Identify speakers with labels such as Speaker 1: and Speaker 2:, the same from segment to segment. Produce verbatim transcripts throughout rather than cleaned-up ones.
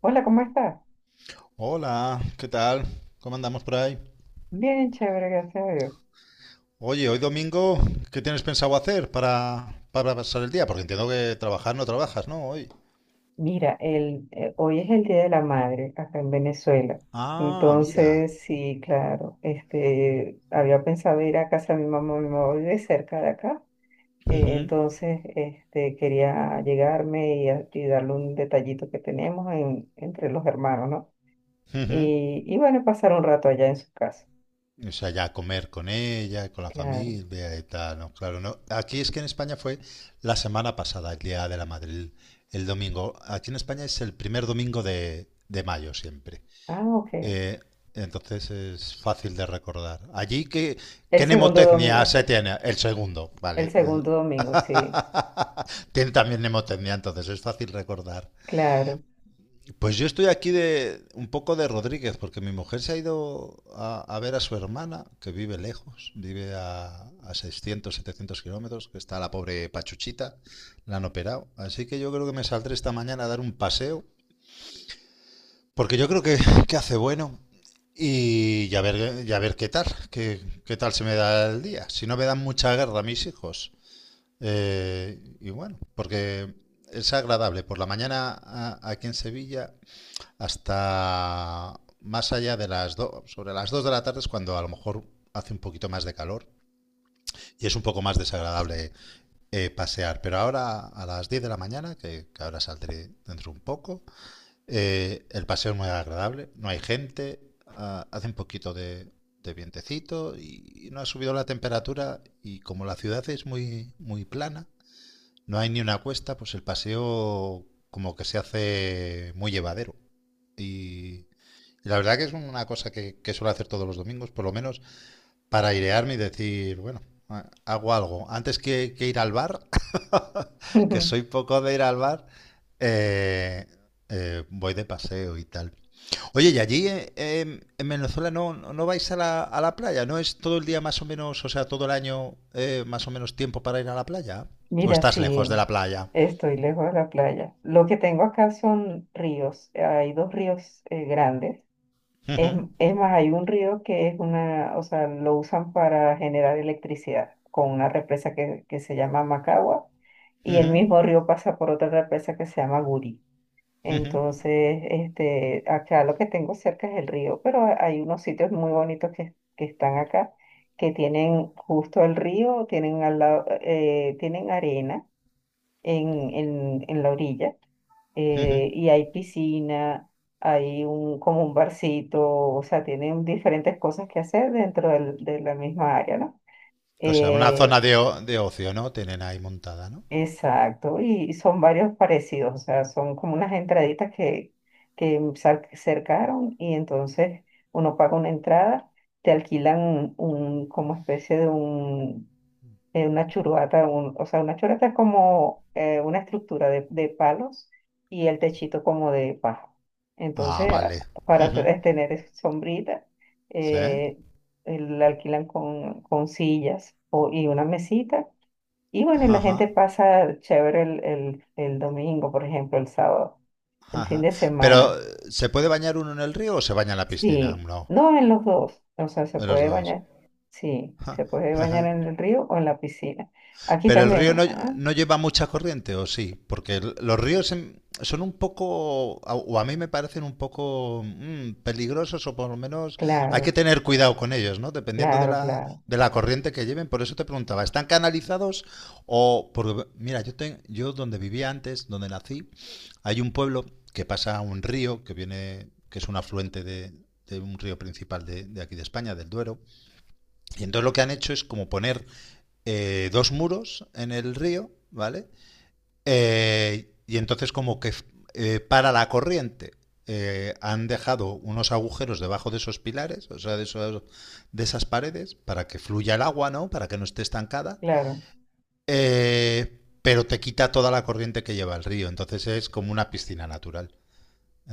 Speaker 1: Hola, ¿cómo estás?
Speaker 2: Hola, ¿qué tal? ¿Cómo andamos por ahí?
Speaker 1: Bien, chévere, gracias a Dios.
Speaker 2: Oye, hoy domingo, ¿qué tienes pensado hacer para, para pasar el día? Porque entiendo que trabajar no trabajas, ¿no? Hoy.
Speaker 1: Mira, el, eh, hoy es el Día de la Madre acá en Venezuela.
Speaker 2: Ah, mira.
Speaker 1: Entonces, sí, claro, este, había pensado ir a casa de mi mamá, mi mamá vive cerca de acá. Eh,
Speaker 2: Ujú,
Speaker 1: entonces, este, quería llegarme y, a- y darle un detallito que tenemos en- entre los hermanos, ¿no?
Speaker 2: ujú.
Speaker 1: Y, y bueno, pasar un rato allá en su casa.
Speaker 2: O sea, ya comer con ella, con la
Speaker 1: Claro.
Speaker 2: familia y tal, ¿no? Claro, no. Aquí es que en España fue la semana pasada, el Día de la Madrid, el el domingo. Aquí en España es el primer domingo de, de mayo siempre.
Speaker 1: Ah, ok.
Speaker 2: Eh, entonces es fácil de recordar. Allí, ¿qué,
Speaker 1: El
Speaker 2: qué
Speaker 1: segundo
Speaker 2: nemotecnia
Speaker 1: domingo.
Speaker 2: se tiene? El segundo,
Speaker 1: El
Speaker 2: vale.
Speaker 1: segundo domingo, sí,
Speaker 2: Tiene también nemotecnia, entonces es fácil recordar.
Speaker 1: claro.
Speaker 2: Pues yo estoy aquí de un poco de Rodríguez, porque mi mujer se ha ido a, a ver a su hermana, que vive lejos, vive a, a seiscientos, setecientos kilómetros, que está la pobre Pachuchita, la han operado. Así que yo creo que me saldré esta mañana a dar un paseo. Porque yo creo que, que hace bueno y ya ver, ya ver qué tal, qué, qué tal se me da el día. Si no me dan mucha guerra a mis hijos. Eh, y bueno, porque es agradable. Por la mañana a- aquí en Sevilla hasta más allá de las dos, sobre las dos de la tarde es cuando a lo mejor hace un poquito más de calor y es un poco más desagradable eh, pasear. Pero ahora a las diez de la mañana, que, que ahora saldré dentro un poco. Eh, el paseo es muy agradable, no hay gente, ah, hace un poquito de, de vientecito y no ha subido la temperatura, y como la ciudad es muy, muy plana, no hay ni una cuesta, pues el paseo como que se hace muy llevadero. Y, y la verdad que es una cosa que, que suelo hacer todos los domingos, por lo menos para airearme y decir, bueno, a- hago algo. Antes que, que ir al bar, que soy poco de ir al bar, eh, eh, voy de paseo y tal. Oye, y allí eh, em, en Venezuela no, no no vais a la, a la playa, ¿no es todo el día más o menos, o sea, todo el año eh, más o menos tiempo para ir a la playa? ¿O
Speaker 1: Mira,
Speaker 2: estás
Speaker 1: sí,
Speaker 2: lejos de la playa?
Speaker 1: estoy lejos de la playa. Lo que tengo acá son ríos. eh, Hay dos ríos eh, grandes. Es,
Speaker 2: Ujú,
Speaker 1: es más, hay un río que es una, o sea, lo usan para generar electricidad con una represa que, que se llama Macagua y el
Speaker 2: ujú,
Speaker 1: mismo río pasa por otra represa que se llama Guri.
Speaker 2: ujú,
Speaker 1: Entonces, este, acá lo que tengo cerca es el río, pero ha- hay unos sitios muy bonitos que, que están acá que tienen justo el río, tienen al lado, eh, tienen arena en, en, en la orilla.
Speaker 2: ujú.
Speaker 1: Eh, y hay piscina, hay un, como un barcito, o sea, tienen diferentes cosas que hacer dentro del- de la misma área, ¿no?
Speaker 2: O sea, una
Speaker 1: Eh,
Speaker 2: zona de, o- de ocio, ¿no? Tienen ahí montada, ¿no?
Speaker 1: exacto, y son varios parecidos, o sea, son como unas entraditas que, que sar- cercaron y entonces uno paga una entrada, te alquilan un, como especie de eh, una churuata, un- o sea, una churuata es como eh, una estructura de, de palos y el techito como de paja.
Speaker 2: Ah,
Speaker 1: Entonces, a-
Speaker 2: vale.
Speaker 1: para te-
Speaker 2: Ujú.
Speaker 1: tener es- sombrita,
Speaker 2: ¿Sí?
Speaker 1: eh, eh, la alquilan con, con sillas o- y una mesita. Y bueno, y la
Speaker 2: Ajá.
Speaker 1: gente pasa chévere el, el, el domingo, por ejemplo, el sábado, el fin
Speaker 2: Ajá.
Speaker 1: de
Speaker 2: Pero,
Speaker 1: semana.
Speaker 2: ¿se puede bañar uno en el río o se baña en la piscina?
Speaker 1: Sí,
Speaker 2: No,
Speaker 1: no, en los dos, o sea, se
Speaker 2: de los
Speaker 1: puede
Speaker 2: dos.
Speaker 1: bañar, sí,
Speaker 2: Ja,
Speaker 1: se puede bañar
Speaker 2: ajá.
Speaker 1: en el río o en la piscina. Aquí
Speaker 2: Pero el río
Speaker 1: también,
Speaker 2: no,
Speaker 1: ¿ah?
Speaker 2: no lleva mucha corriente, ¿o sí? Porque el- los ríos en- son un poco, a- o a mí me parecen un poco mm, peligrosos, o por lo menos hay que
Speaker 1: Claro,
Speaker 2: tener cuidado con ellos, ¿no? Dependiendo de
Speaker 1: claro,
Speaker 2: la,
Speaker 1: claro,
Speaker 2: de la corriente que lleven. Por eso te preguntaba, ¿están canalizados o...? Porque, mira, yo, ten- yo donde vivía antes, donde nací, hay un pueblo que pasa un río que viene, que es un afluente de, de un río principal de, de aquí de España, del Duero. Y entonces lo que han hecho es como poner eh, dos muros en el río, ¿vale? Eh, y entonces como que eh, para la corriente eh, han dejado unos agujeros debajo de esos pilares, o sea, de, esos- de esas paredes, para que fluya el agua, ¿no? Para que no esté estancada.
Speaker 1: claro.
Speaker 2: Eh, pero te quita toda la corriente que lleva el río, entonces es como una piscina natural.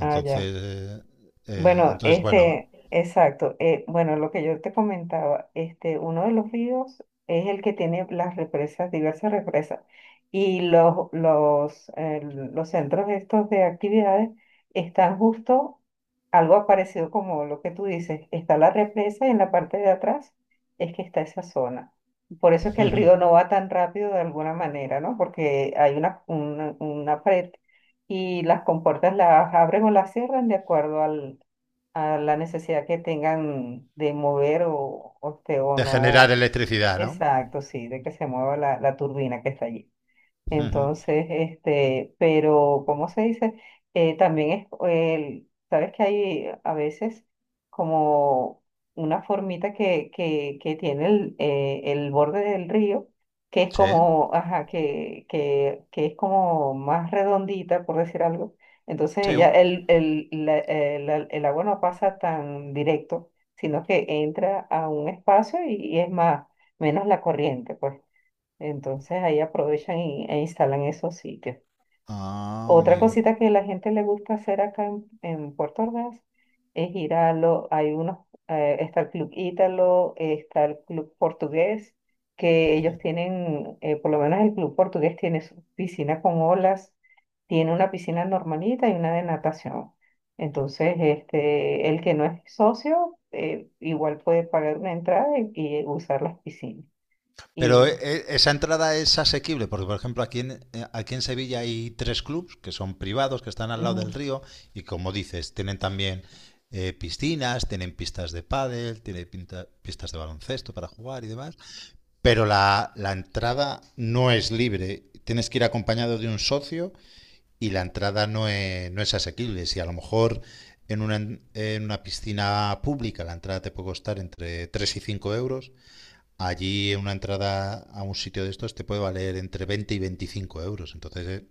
Speaker 1: Ah, ya.
Speaker 2: eh, eh,
Speaker 1: Bueno,
Speaker 2: entonces bueno,
Speaker 1: este, exacto. Eh, bueno, lo que yo te comentaba, este, uno de los ríos es el que tiene las represas, diversas represas, y los, los, eh, los centros estos de actividades están justo algo parecido como lo que tú dices. Está la represa y en la parte de atrás es que está esa zona. Por eso es que el
Speaker 2: de
Speaker 1: río no va tan rápido de alguna manera, ¿no? Porque hay una, una, una pared y las compuertas las abren o las cierran de acuerdo al a la necesidad que tengan de mover o, o, este, o
Speaker 2: generar
Speaker 1: no.
Speaker 2: electricidad, ¿no?
Speaker 1: Exacto, sí, de que se mueva la, la turbina que está allí. Entonces, este, pero, ¿cómo se dice? Eh, también es, el, sabes que hay a veces como una formita que, que, que tiene el, eh, el borde del río, que es
Speaker 2: Sí,
Speaker 1: como, ajá, que, que, que es como más redondita, por decir algo. Entonces,
Speaker 2: sí.
Speaker 1: ella, el, el, la- el la- el agua no pasa tan directo, sino que entra a un espacio y, y es más, menos la corriente, pues. Entonces ahí aprovechan y- e instalan esos sitios.
Speaker 2: Ah,
Speaker 1: Otra
Speaker 2: amigo.
Speaker 1: cosita que la gente le gusta hacer acá en, en Puerto Ordaz es ir a los, hay unos, eh, está el Club Ítalo, está el Club Portugués, que ellos tienen, eh, por lo menos el Club Portugués tiene su piscina con olas, tiene una piscina normalita y una de natación. Entonces, este, el que no es socio, eh, igual puede pagar una entrada y, y usar las piscinas.
Speaker 2: Pero eh,
Speaker 1: Y,
Speaker 2: eh, esa entrada es asequible, porque por ejemplo aquí en, eh, aquí en Sevilla hay tres clubs que son privados, que están al lado del
Speaker 1: ujú.
Speaker 2: río, y como dices, tienen también eh, piscinas, tienen pistas de pádel, tienen pinta- pistas de baloncesto para jugar y demás. Pero la, la entrada no es libre, tienes que ir acompañado de un socio, y la entrada no es, no es asequible. Si a lo mejor en una, en una piscina pública la entrada te puede costar entre tres y cinco euros, allí una entrada a un sitio de estos te puede valer entre veinte y veinticinco euros. Entonces eh,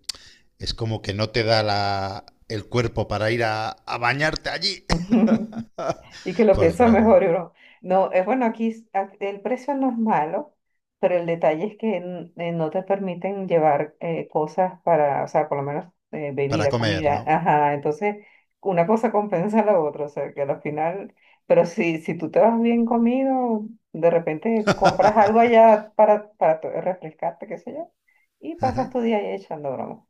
Speaker 2: es como que no te da la, el cuerpo para ir a, a bañarte allí.
Speaker 1: Y que lo
Speaker 2: Pues
Speaker 1: piensa
Speaker 2: claro,
Speaker 1: mejor, y uno, no, es bueno, aquí s- a- el precio no es malo, pero el detalle es que n- eh, no te permiten llevar eh, cosas para, o sea, por lo menos eh,
Speaker 2: para
Speaker 1: bebida,
Speaker 2: comer, ¿no?
Speaker 1: comida, ajá, entonces una cosa compensa a la otra, o sea, que al final, pero si, si tú te vas bien comido, de repente compras algo allá para, para to- refrescarte, qué sé yo, y pasas tu día ahí echando broma.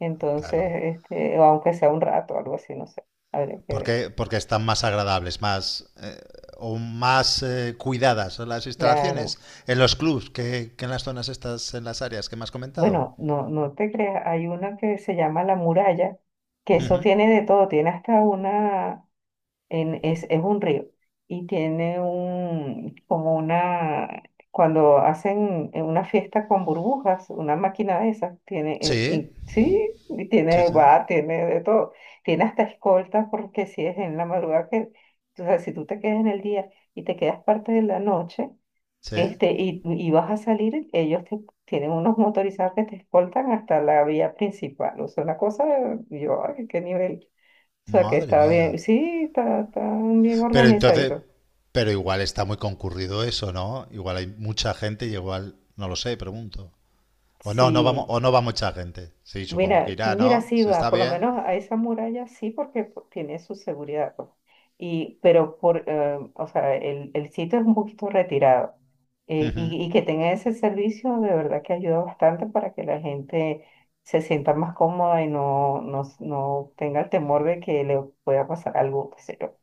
Speaker 1: Entonces,
Speaker 2: Claro,
Speaker 1: este, o aunque sea un rato, algo así, no sé, habría que ver,
Speaker 2: porque, porque están más agradables, más eh, o más eh, cuidadas las instalaciones
Speaker 1: claro.
Speaker 2: en los clubs que, que en las zonas estas, en las áreas que me has comentado.
Speaker 1: Bueno, no, no te creas, hay una que se llama La Muralla, que eso
Speaker 2: Ujú.
Speaker 1: tiene de todo, tiene hasta una, en, es, es un río, y tiene un, como una, cuando hacen en una fiesta con burbujas, una máquina de esas, tiene, eh,
Speaker 2: Sí,
Speaker 1: y, sí, y
Speaker 2: sí,
Speaker 1: tiene
Speaker 2: sí,
Speaker 1: bar, tiene de todo, tiene hasta escoltas, porque si es en la madrugada que, o sea, si tú te quedas en el día y te quedas parte de la noche,
Speaker 2: sí.
Speaker 1: este, y, y vas a salir, ellos te- tienen unos motorizados que te escoltan hasta la vía principal. O sea, una cosa, yo, ay, qué nivel. O sea, que
Speaker 2: Madre
Speaker 1: está
Speaker 2: mía.
Speaker 1: bien, sí, está, está bien
Speaker 2: Pero entonces,
Speaker 1: organizadito.
Speaker 2: pero igual está muy concurrido eso, ¿no? Igual hay mucha gente y igual, no lo sé, pregunto. O no, no vamos,
Speaker 1: Sí,
Speaker 2: o no va mucha gente. Sí, supongo que
Speaker 1: mira,
Speaker 2: irá,
Speaker 1: mira,
Speaker 2: ¿no?
Speaker 1: sí
Speaker 2: Se
Speaker 1: va,
Speaker 2: está
Speaker 1: por lo
Speaker 2: bien.
Speaker 1: menos a esa muralla sí, porque pues, tiene su seguridad, pues. Y, pero por, eh, o sea, el, el sitio es un poquito retirado. Eh,
Speaker 2: Ujú.
Speaker 1: y, y que tenga ese servicio de verdad que ayuda bastante para que la gente se sienta más cómoda y no, no, s- no tenga el temor de que le pueda pasar algo, qué sé yo.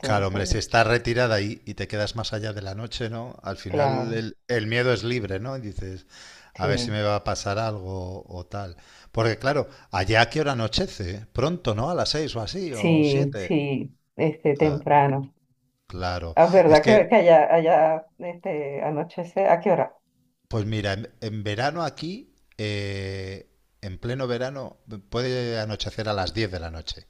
Speaker 2: Claro, hombre, si estás retirada ahí y te quedas más allá de la noche, ¿no? Al final
Speaker 1: claro,
Speaker 2: el, el miedo es libre, ¿no? Y dices, a ver si
Speaker 1: sí,
Speaker 2: me va a pasar algo o tal. Porque claro, allá a qué hora anochece, pronto, ¿no? A las seis o así, o
Speaker 1: sí,
Speaker 2: siete.
Speaker 1: sí, este,
Speaker 2: Ah,
Speaker 1: temprano.
Speaker 2: claro.
Speaker 1: Es
Speaker 2: Es
Speaker 1: verdad que,
Speaker 2: que...
Speaker 1: que allá, allá, este, anochece, ¿a qué hora?
Speaker 2: Pues mira, en, en verano aquí, eh, en pleno verano, puede anochecer a las diez de la noche.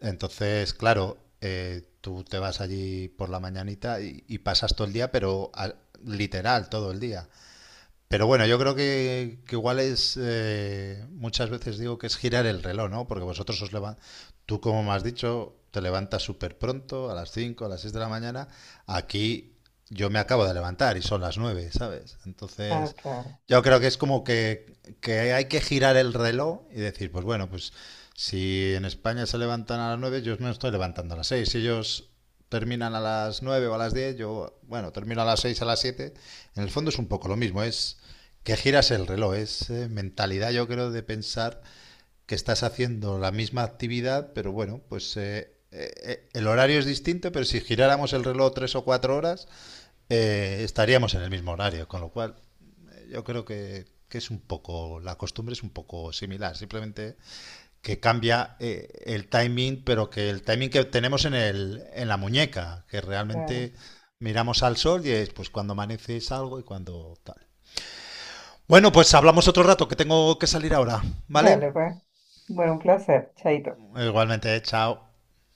Speaker 2: Entonces, claro, eh, tú te vas allí por la mañanita y, y pasas todo el día, pero a- literal todo el día. Pero bueno, yo creo que, que igual es, eh, muchas veces digo que es girar el reloj, ¿no? Porque vosotros os levantáis, tú como me has dicho, te levantas súper pronto, a las cinco, a las seis de la mañana. Aquí yo me acabo de levantar y son las nueve, ¿sabes?
Speaker 1: Ah,
Speaker 2: Entonces,
Speaker 1: claro,
Speaker 2: yo creo que es como que, que hay que girar el reloj y decir, pues bueno, pues si en España se levantan a las nueve, yo me estoy levantando a las seis. Si ellos terminan a las nueve o a las diez, yo, bueno, termino a las seis a las siete. En el fondo es un poco lo mismo, es que giras el reloj, es eh, mentalidad, yo creo, de pensar que estás haciendo la misma actividad, pero bueno, pues eh, eh, eh, el horario es distinto, pero si giráramos el reloj tres o cuatro horas, eh, estaríamos en el mismo horario, con lo cual eh, yo creo que, que es un poco, la costumbre es un poco similar, simplemente que cambia eh, el timing, pero que el timing que tenemos en, el, en la muñeca, que
Speaker 1: claro.
Speaker 2: realmente miramos al sol y es pues cuando amanece salgo y cuando tal. Bueno, pues hablamos otro rato, que tengo que salir ahora, ¿vale?
Speaker 1: Dale, pues. Bueno, un placer. Chaito.
Speaker 2: Igualmente, chao.